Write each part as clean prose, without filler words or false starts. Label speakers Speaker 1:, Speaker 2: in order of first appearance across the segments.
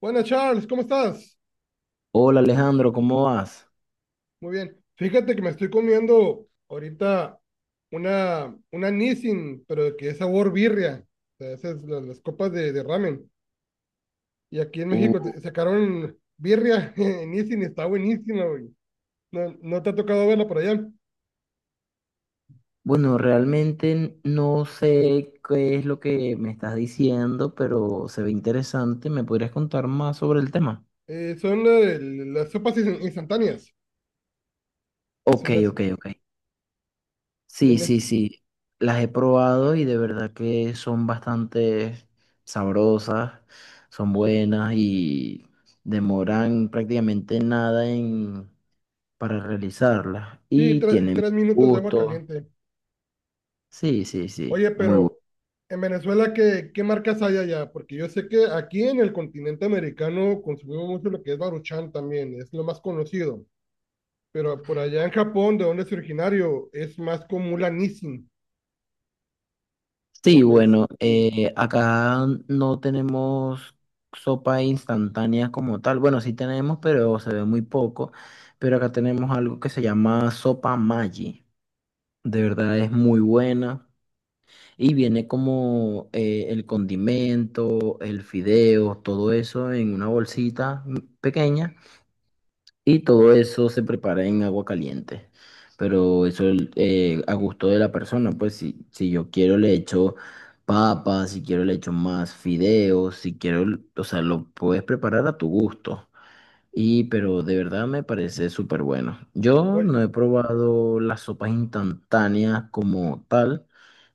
Speaker 1: Buenas, Charles, ¿cómo estás?
Speaker 2: Hola Alejandro, ¿cómo vas?
Speaker 1: Muy bien. Fíjate que me estoy comiendo ahorita una Nissin, pero que es sabor birria. O sea, esas las copas de ramen. Y aquí en México
Speaker 2: Uh,
Speaker 1: sacaron birria en Nissin, y está buenísima, güey. No, no te ha tocado verla por allá.
Speaker 2: bueno, realmente no sé qué es lo que me estás diciendo, pero se ve interesante. ¿Me podrías contar más sobre el tema?
Speaker 1: Son las sopas instantáneas, que
Speaker 2: Ok,
Speaker 1: son las.
Speaker 2: ok, ok. Sí,
Speaker 1: En es-
Speaker 2: sí, sí. Las he probado y de verdad que son bastante sabrosas, son buenas y demoran prácticamente nada para realizarlas.
Speaker 1: sí,
Speaker 2: Y tienen
Speaker 1: tres minutos de agua
Speaker 2: gusto.
Speaker 1: caliente.
Speaker 2: Sí, sí,
Speaker 1: Oye,
Speaker 2: sí. Muy bueno.
Speaker 1: pero en Venezuela, ¿qué, qué marcas hay allá? Porque yo sé que aquí en el continente americano consumimos mucho lo que es Baruchan también, es lo más conocido. Pero por allá en Japón, de donde es originario, es más común la Nissin.
Speaker 2: Sí,
Speaker 1: Pero pues,
Speaker 2: bueno, acá no tenemos sopa instantánea como tal. Bueno, sí tenemos, pero se ve muy poco. Pero acá tenemos algo que se llama sopa Maggi. De verdad es muy buena. Y viene como el condimento, el fideo, todo eso en una bolsita pequeña. Y todo eso se prepara en agua caliente. Pero eso a gusto de la persona, pues si yo quiero le echo papas, si quiero le echo más fideos, si quiero, o sea, lo puedes preparar a tu gusto. Y pero de verdad me parece súper bueno. Yo
Speaker 1: oye,
Speaker 2: no he probado las sopas instantáneas como tal,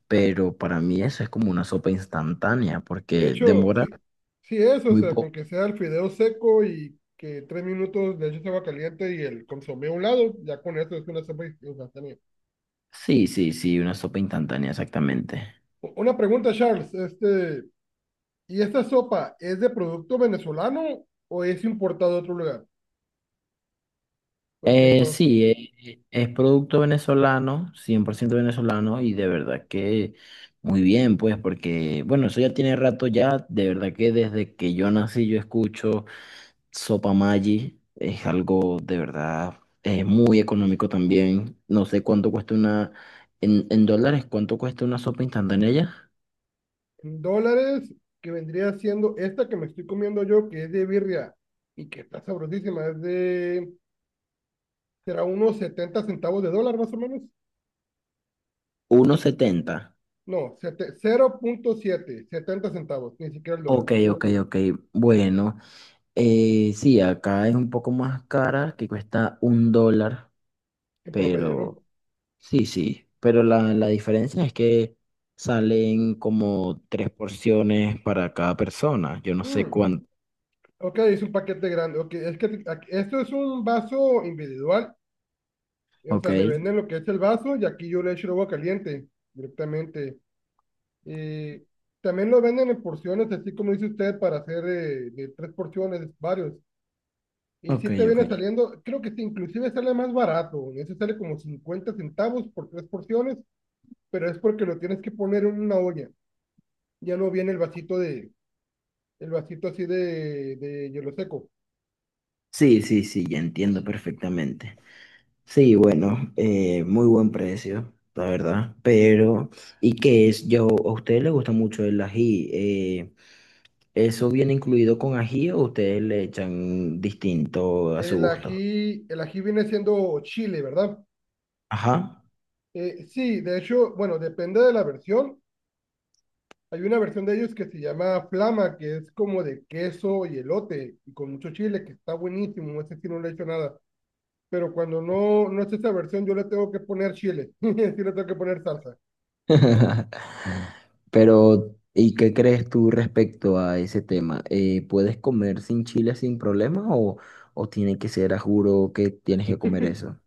Speaker 2: pero para mí eso es como una sopa instantánea
Speaker 1: de
Speaker 2: porque
Speaker 1: hecho,
Speaker 2: demora
Speaker 1: sí, sí es, o
Speaker 2: muy
Speaker 1: sea, con
Speaker 2: poco.
Speaker 1: que sea el fideo seco y que tres minutos de eches agua caliente y el consomé a un lado, ya con eso es una sopa instantánea.
Speaker 2: Sí, sí, sí, una sopa instantánea, exactamente.
Speaker 1: Una pregunta, Charles, este… ¿Y esta sopa es de producto venezolano o es importado de otro lugar? Porque no,
Speaker 2: Sí, es producto venezolano, 100% venezolano, y de verdad que muy bien, pues, porque, bueno, eso ya tiene rato ya, de verdad que desde que yo nací yo escucho Sopa Maggi, es algo de verdad, es muy económico también, no sé cuánto cuesta una, en dólares, cuánto cuesta una sopa instantánea ya,
Speaker 1: en dólares que vendría siendo esta que me estoy comiendo yo, que es de birria y que está sabrosísima, es de, será unos 70 centavos de dólar más o menos.
Speaker 2: uno setenta.
Speaker 1: No, 0.7, 70 centavos, ni siquiera el dólar,
Speaker 2: Ok, ok, ok, bueno, sí, acá es un poco más cara, que cuesta $1.
Speaker 1: en promedio, ¿no?
Speaker 2: Pero sí, sí. Pero la diferencia es que salen como tres porciones para cada persona. Yo no sé
Speaker 1: Mm,
Speaker 2: cuánto.
Speaker 1: ok, es un paquete grande. Ok, es que esto es un vaso individual, o
Speaker 2: Ok,
Speaker 1: sea, me venden lo que es el vaso y aquí yo le echo el agua caliente directamente. Eh, También lo venden en porciones, así como dice usted, para hacer de tres porciones, varios. Y
Speaker 2: ok,
Speaker 1: si te viene
Speaker 2: ok.
Speaker 1: saliendo, creo que sí, inclusive sale más barato. En ese sale como 50 centavos por tres porciones, pero es porque lo tienes que poner en una olla. Ya no viene el vasito de, el vasito así de hielo seco.
Speaker 2: Sí, sí, sí, ya entiendo perfectamente. Sí, bueno, muy buen precio, la verdad. Pero, ¿y qué es? Yo, ¿a ustedes les gusta mucho el ají? ¿Eso viene incluido con ají o ustedes le echan distinto a su gusto?
Speaker 1: El ají viene siendo chile, ¿verdad?
Speaker 2: Ajá.
Speaker 1: Sí, de hecho, bueno, depende de la versión. Hay una versión de ellos que se llama Flama, que es como de queso y elote, y con mucho chile, que está buenísimo. Ese sí no le he hecho nada. Pero cuando no es esa versión, yo le tengo que poner chile. Sí le tengo que poner salsa.
Speaker 2: Pero, ¿y qué crees tú respecto a ese tema? ¿Puedes comer sin chile sin problema o tiene que ser a juro que tienes que comer eso?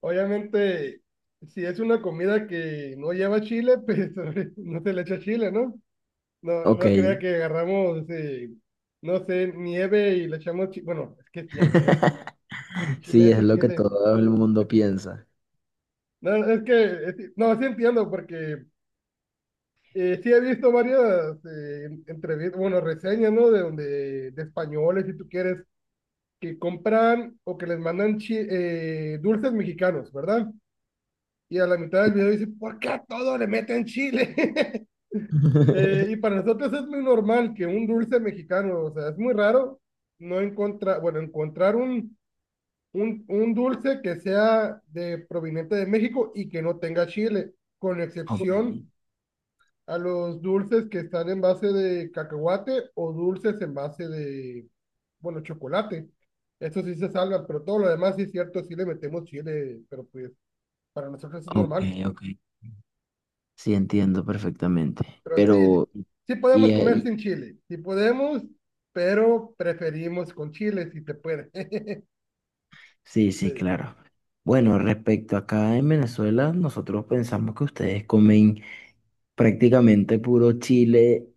Speaker 1: Obviamente, si es una comida que no lleva chile, pues no se le echa chile, ¿no? No,
Speaker 2: Ok,
Speaker 1: no crea que agarramos, no sé, nieve y le echamos chile. Bueno, es que sí hay gente. Chile
Speaker 2: sí, es
Speaker 1: echa
Speaker 2: lo que
Speaker 1: chile.
Speaker 2: todo el mundo piensa.
Speaker 1: No, es que, no, sí entiendo, porque sí, he visto varias entrevistas, bueno, reseñas, ¿no? De donde, de españoles, si tú quieres, que compran o que les mandan dulces mexicanos, ¿verdad? Y a la mitad del video dice, ¿por qué a todo le meten chile? Y para nosotros es muy normal que un dulce mexicano, o sea, es muy raro no encontrar, bueno, encontrar un, un dulce que sea de proveniente de México y que no tenga chile, con
Speaker 2: Ok,
Speaker 1: excepción a los dulces que están en base de cacahuate o dulces en base de, bueno, chocolate. Eso sí se salva, pero todo lo demás sí es cierto, sí le metemos chile, pero pues para nosotros es
Speaker 2: ok,
Speaker 1: normal.
Speaker 2: ok. Sí, entiendo perfectamente.
Speaker 1: Pero sí, sí,
Speaker 2: Pero,
Speaker 1: sí
Speaker 2: y,
Speaker 1: podemos comer sin
Speaker 2: ahí-
Speaker 1: chile, sí podemos, pero preferimos con chile si se puede.
Speaker 2: sí, sí,
Speaker 1: Sí.
Speaker 2: claro. Bueno, respecto acá en Venezuela, nosotros pensamos que ustedes comen prácticamente puro chile,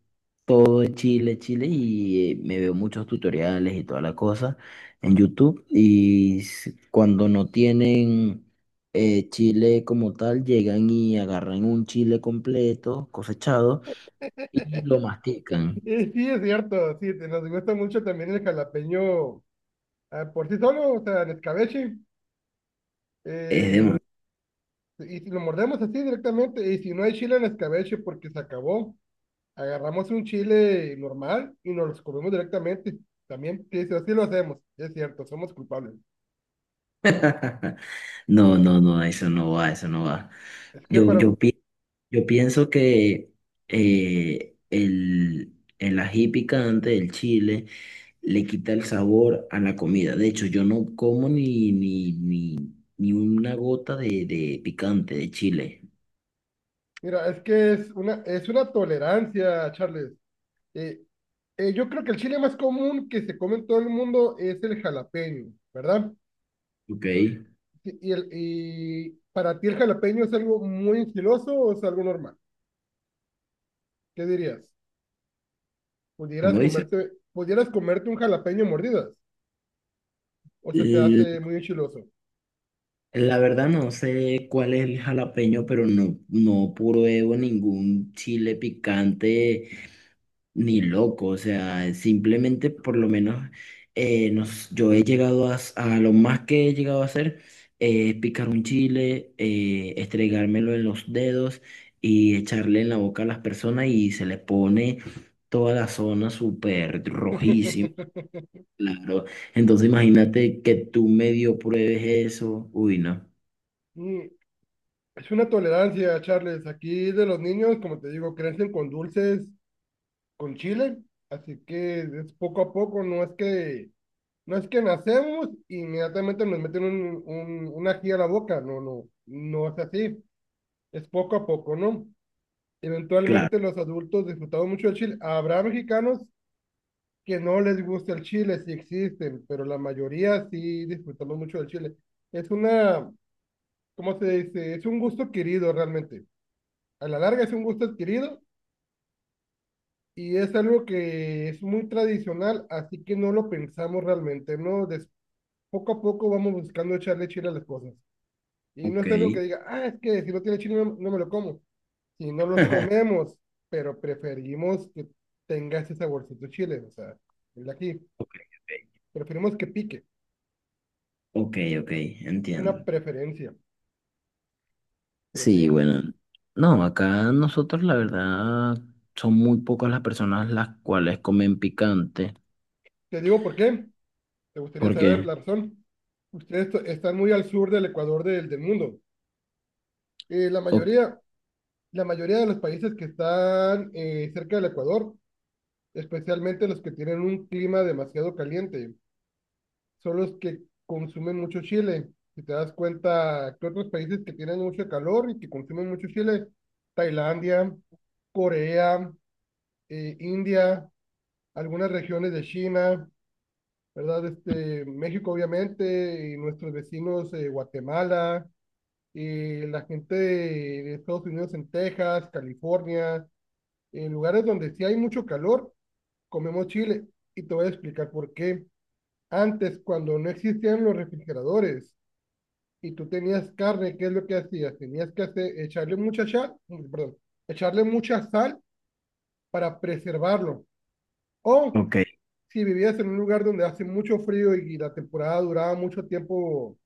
Speaker 2: todo es chile, chile, y me veo muchos tutoriales y toda la cosa en YouTube. Y cuando no tienen chile como tal, llegan y agarran un chile completo, cosechado, y lo mastican.
Speaker 1: Y sí, es cierto, sí, nos gusta mucho también el jalapeño ah, por sí solo, o sea, en escabeche.
Speaker 2: Es
Speaker 1: eh, y si lo mordemos así directamente, y si no hay chile en escabeche porque se acabó, agarramos un chile normal y nos los comemos directamente. También, sí, sí, así lo hacemos, es cierto, somos culpables.
Speaker 2: No, no, no, eso no va, eso no va.
Speaker 1: Es que,
Speaker 2: Yo,
Speaker 1: para,
Speaker 2: yo, pi- yo pienso que el ají picante del chile le quita el sabor a la comida. De hecho, yo no como ni una gota de picante de chile.
Speaker 1: mira, es que es una tolerancia, Charles. Eh, yo creo que el chile más común que se come en todo el mundo es el jalapeño, ¿verdad?
Speaker 2: Ok,
Speaker 1: Y, el, ¿y para ti el jalapeño es algo muy enchiloso o es algo normal? ¿Qué dirías?
Speaker 2: ¿cómo dices?
Speaker 1: Pudieras comerte un jalapeño a mordidas? ¿O se te
Speaker 2: L-
Speaker 1: hace muy enchiloso?
Speaker 2: La verdad no sé cuál es el jalapeño, pero no pruebo ningún chile picante. Ni loco, o sea, simplemente por lo menos yo he llegado a lo más que he llegado a hacer es picar un chile, estregármelo en los dedos y echarle en la boca a las personas y se le pone toda la zona súper rojísima, claro. Entonces imagínate que tú medio pruebes eso, uy, no,
Speaker 1: Mm, es una tolerancia, Charles. Aquí de los niños, como te digo, crecen con dulces, con chile, así que es poco a poco, no es que, no es que nacemos y inmediatamente nos meten un ají a la boca, no, no, no es así, es poco a poco, ¿no?
Speaker 2: claro,
Speaker 1: Eventualmente los adultos disfrutamos mucho del chile. Habrá mexicanos que no les gusta el chile, sí existen, pero la mayoría sí disfrutamos mucho del chile. Es una, ¿cómo se dice? Es un gusto adquirido realmente. A la larga es un gusto adquirido y es algo que es muy tradicional, así que no lo pensamos realmente, ¿no? Poco a poco vamos buscando echarle chile a las cosas. Y no
Speaker 2: ok,
Speaker 1: es algo que diga, ah, es que si no tiene chile no, no me lo como. Si no los comemos, pero preferimos que tenga ese saborcito chile, o sea, el de aquí.
Speaker 2: ok, ok,
Speaker 1: Preferimos que pique,
Speaker 2: ok, ok,
Speaker 1: una
Speaker 2: entiendo.
Speaker 1: preferencia, pero
Speaker 2: Sí,
Speaker 1: sí.
Speaker 2: bueno, no, acá nosotros la verdad son muy pocas las personas las cuales comen picante,
Speaker 1: Te digo por qué, te gustaría saber
Speaker 2: porque,
Speaker 1: la razón. Ustedes están muy al sur del Ecuador del, del mundo. Eh, la
Speaker 2: ok,
Speaker 1: mayoría, la mayoría de los países que están cerca del Ecuador, especialmente los que tienen un clima demasiado caliente, son los que consumen mucho chile. Si te das cuenta que otros países que tienen mucho calor y que consumen mucho chile, Tailandia, Corea, India, algunas regiones de China, ¿verdad? Este, México, obviamente, y nuestros vecinos, Guatemala, la gente de Estados Unidos en Texas, California, en lugares donde sí hay mucho calor, comemos chile. Y te voy a explicar por qué. Antes, cuando no existían los refrigeradores, y tú tenías carne, ¿qué es lo que hacías? Tenías que hacer, echarle mucha sal, perdón, echarle mucha sal para preservarlo. O
Speaker 2: ok,
Speaker 1: si vivías en un lugar donde hace mucho frío y, la temporada duraba mucho tiempo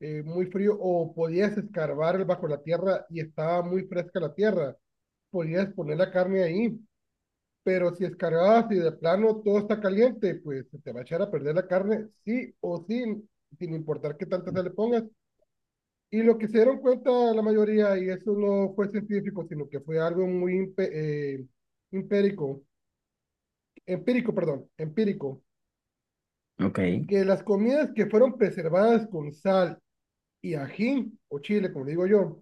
Speaker 1: muy frío, o podías escarbar bajo la tierra y estaba muy fresca la tierra, podías poner la carne ahí. Pero si escarbabas y de plano todo está caliente, pues se te va a echar a perder la carne, sí o sí, sin importar qué tanta sal le pongas. Y lo que se dieron cuenta la mayoría, y eso no fue científico, sino que fue algo muy empírico, empírico,
Speaker 2: ok,
Speaker 1: que las comidas que fueron preservadas con sal y ají, o chile, como digo yo,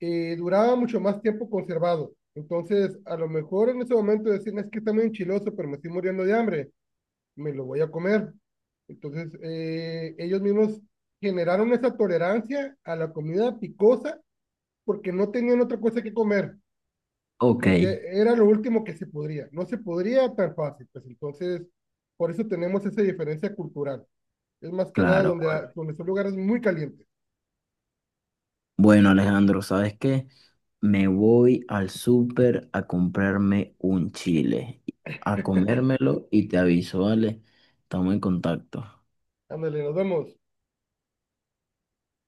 Speaker 1: duraban mucho más tiempo conservado. Entonces, a lo mejor en ese momento decían, es que está muy enchiloso, pero me estoy muriendo de hambre, me lo voy a comer. Entonces, ellos mismos generaron esa tolerancia a la comida picosa porque no tenían otra cosa que comer.
Speaker 2: ok,
Speaker 1: Porque era lo último que se podría. No se podría tan fácil, pues entonces, por eso tenemos esa diferencia cultural. Es más que nada
Speaker 2: claro.
Speaker 1: donde,
Speaker 2: Bueno,
Speaker 1: donde son lugares muy calientes.
Speaker 2: Bueno, Alejandro, ¿sabes qué? Me voy al súper a comprarme un chile, a comérmelo y te aviso, ¿vale? Estamos en contacto.
Speaker 1: Ándale, nos vemos.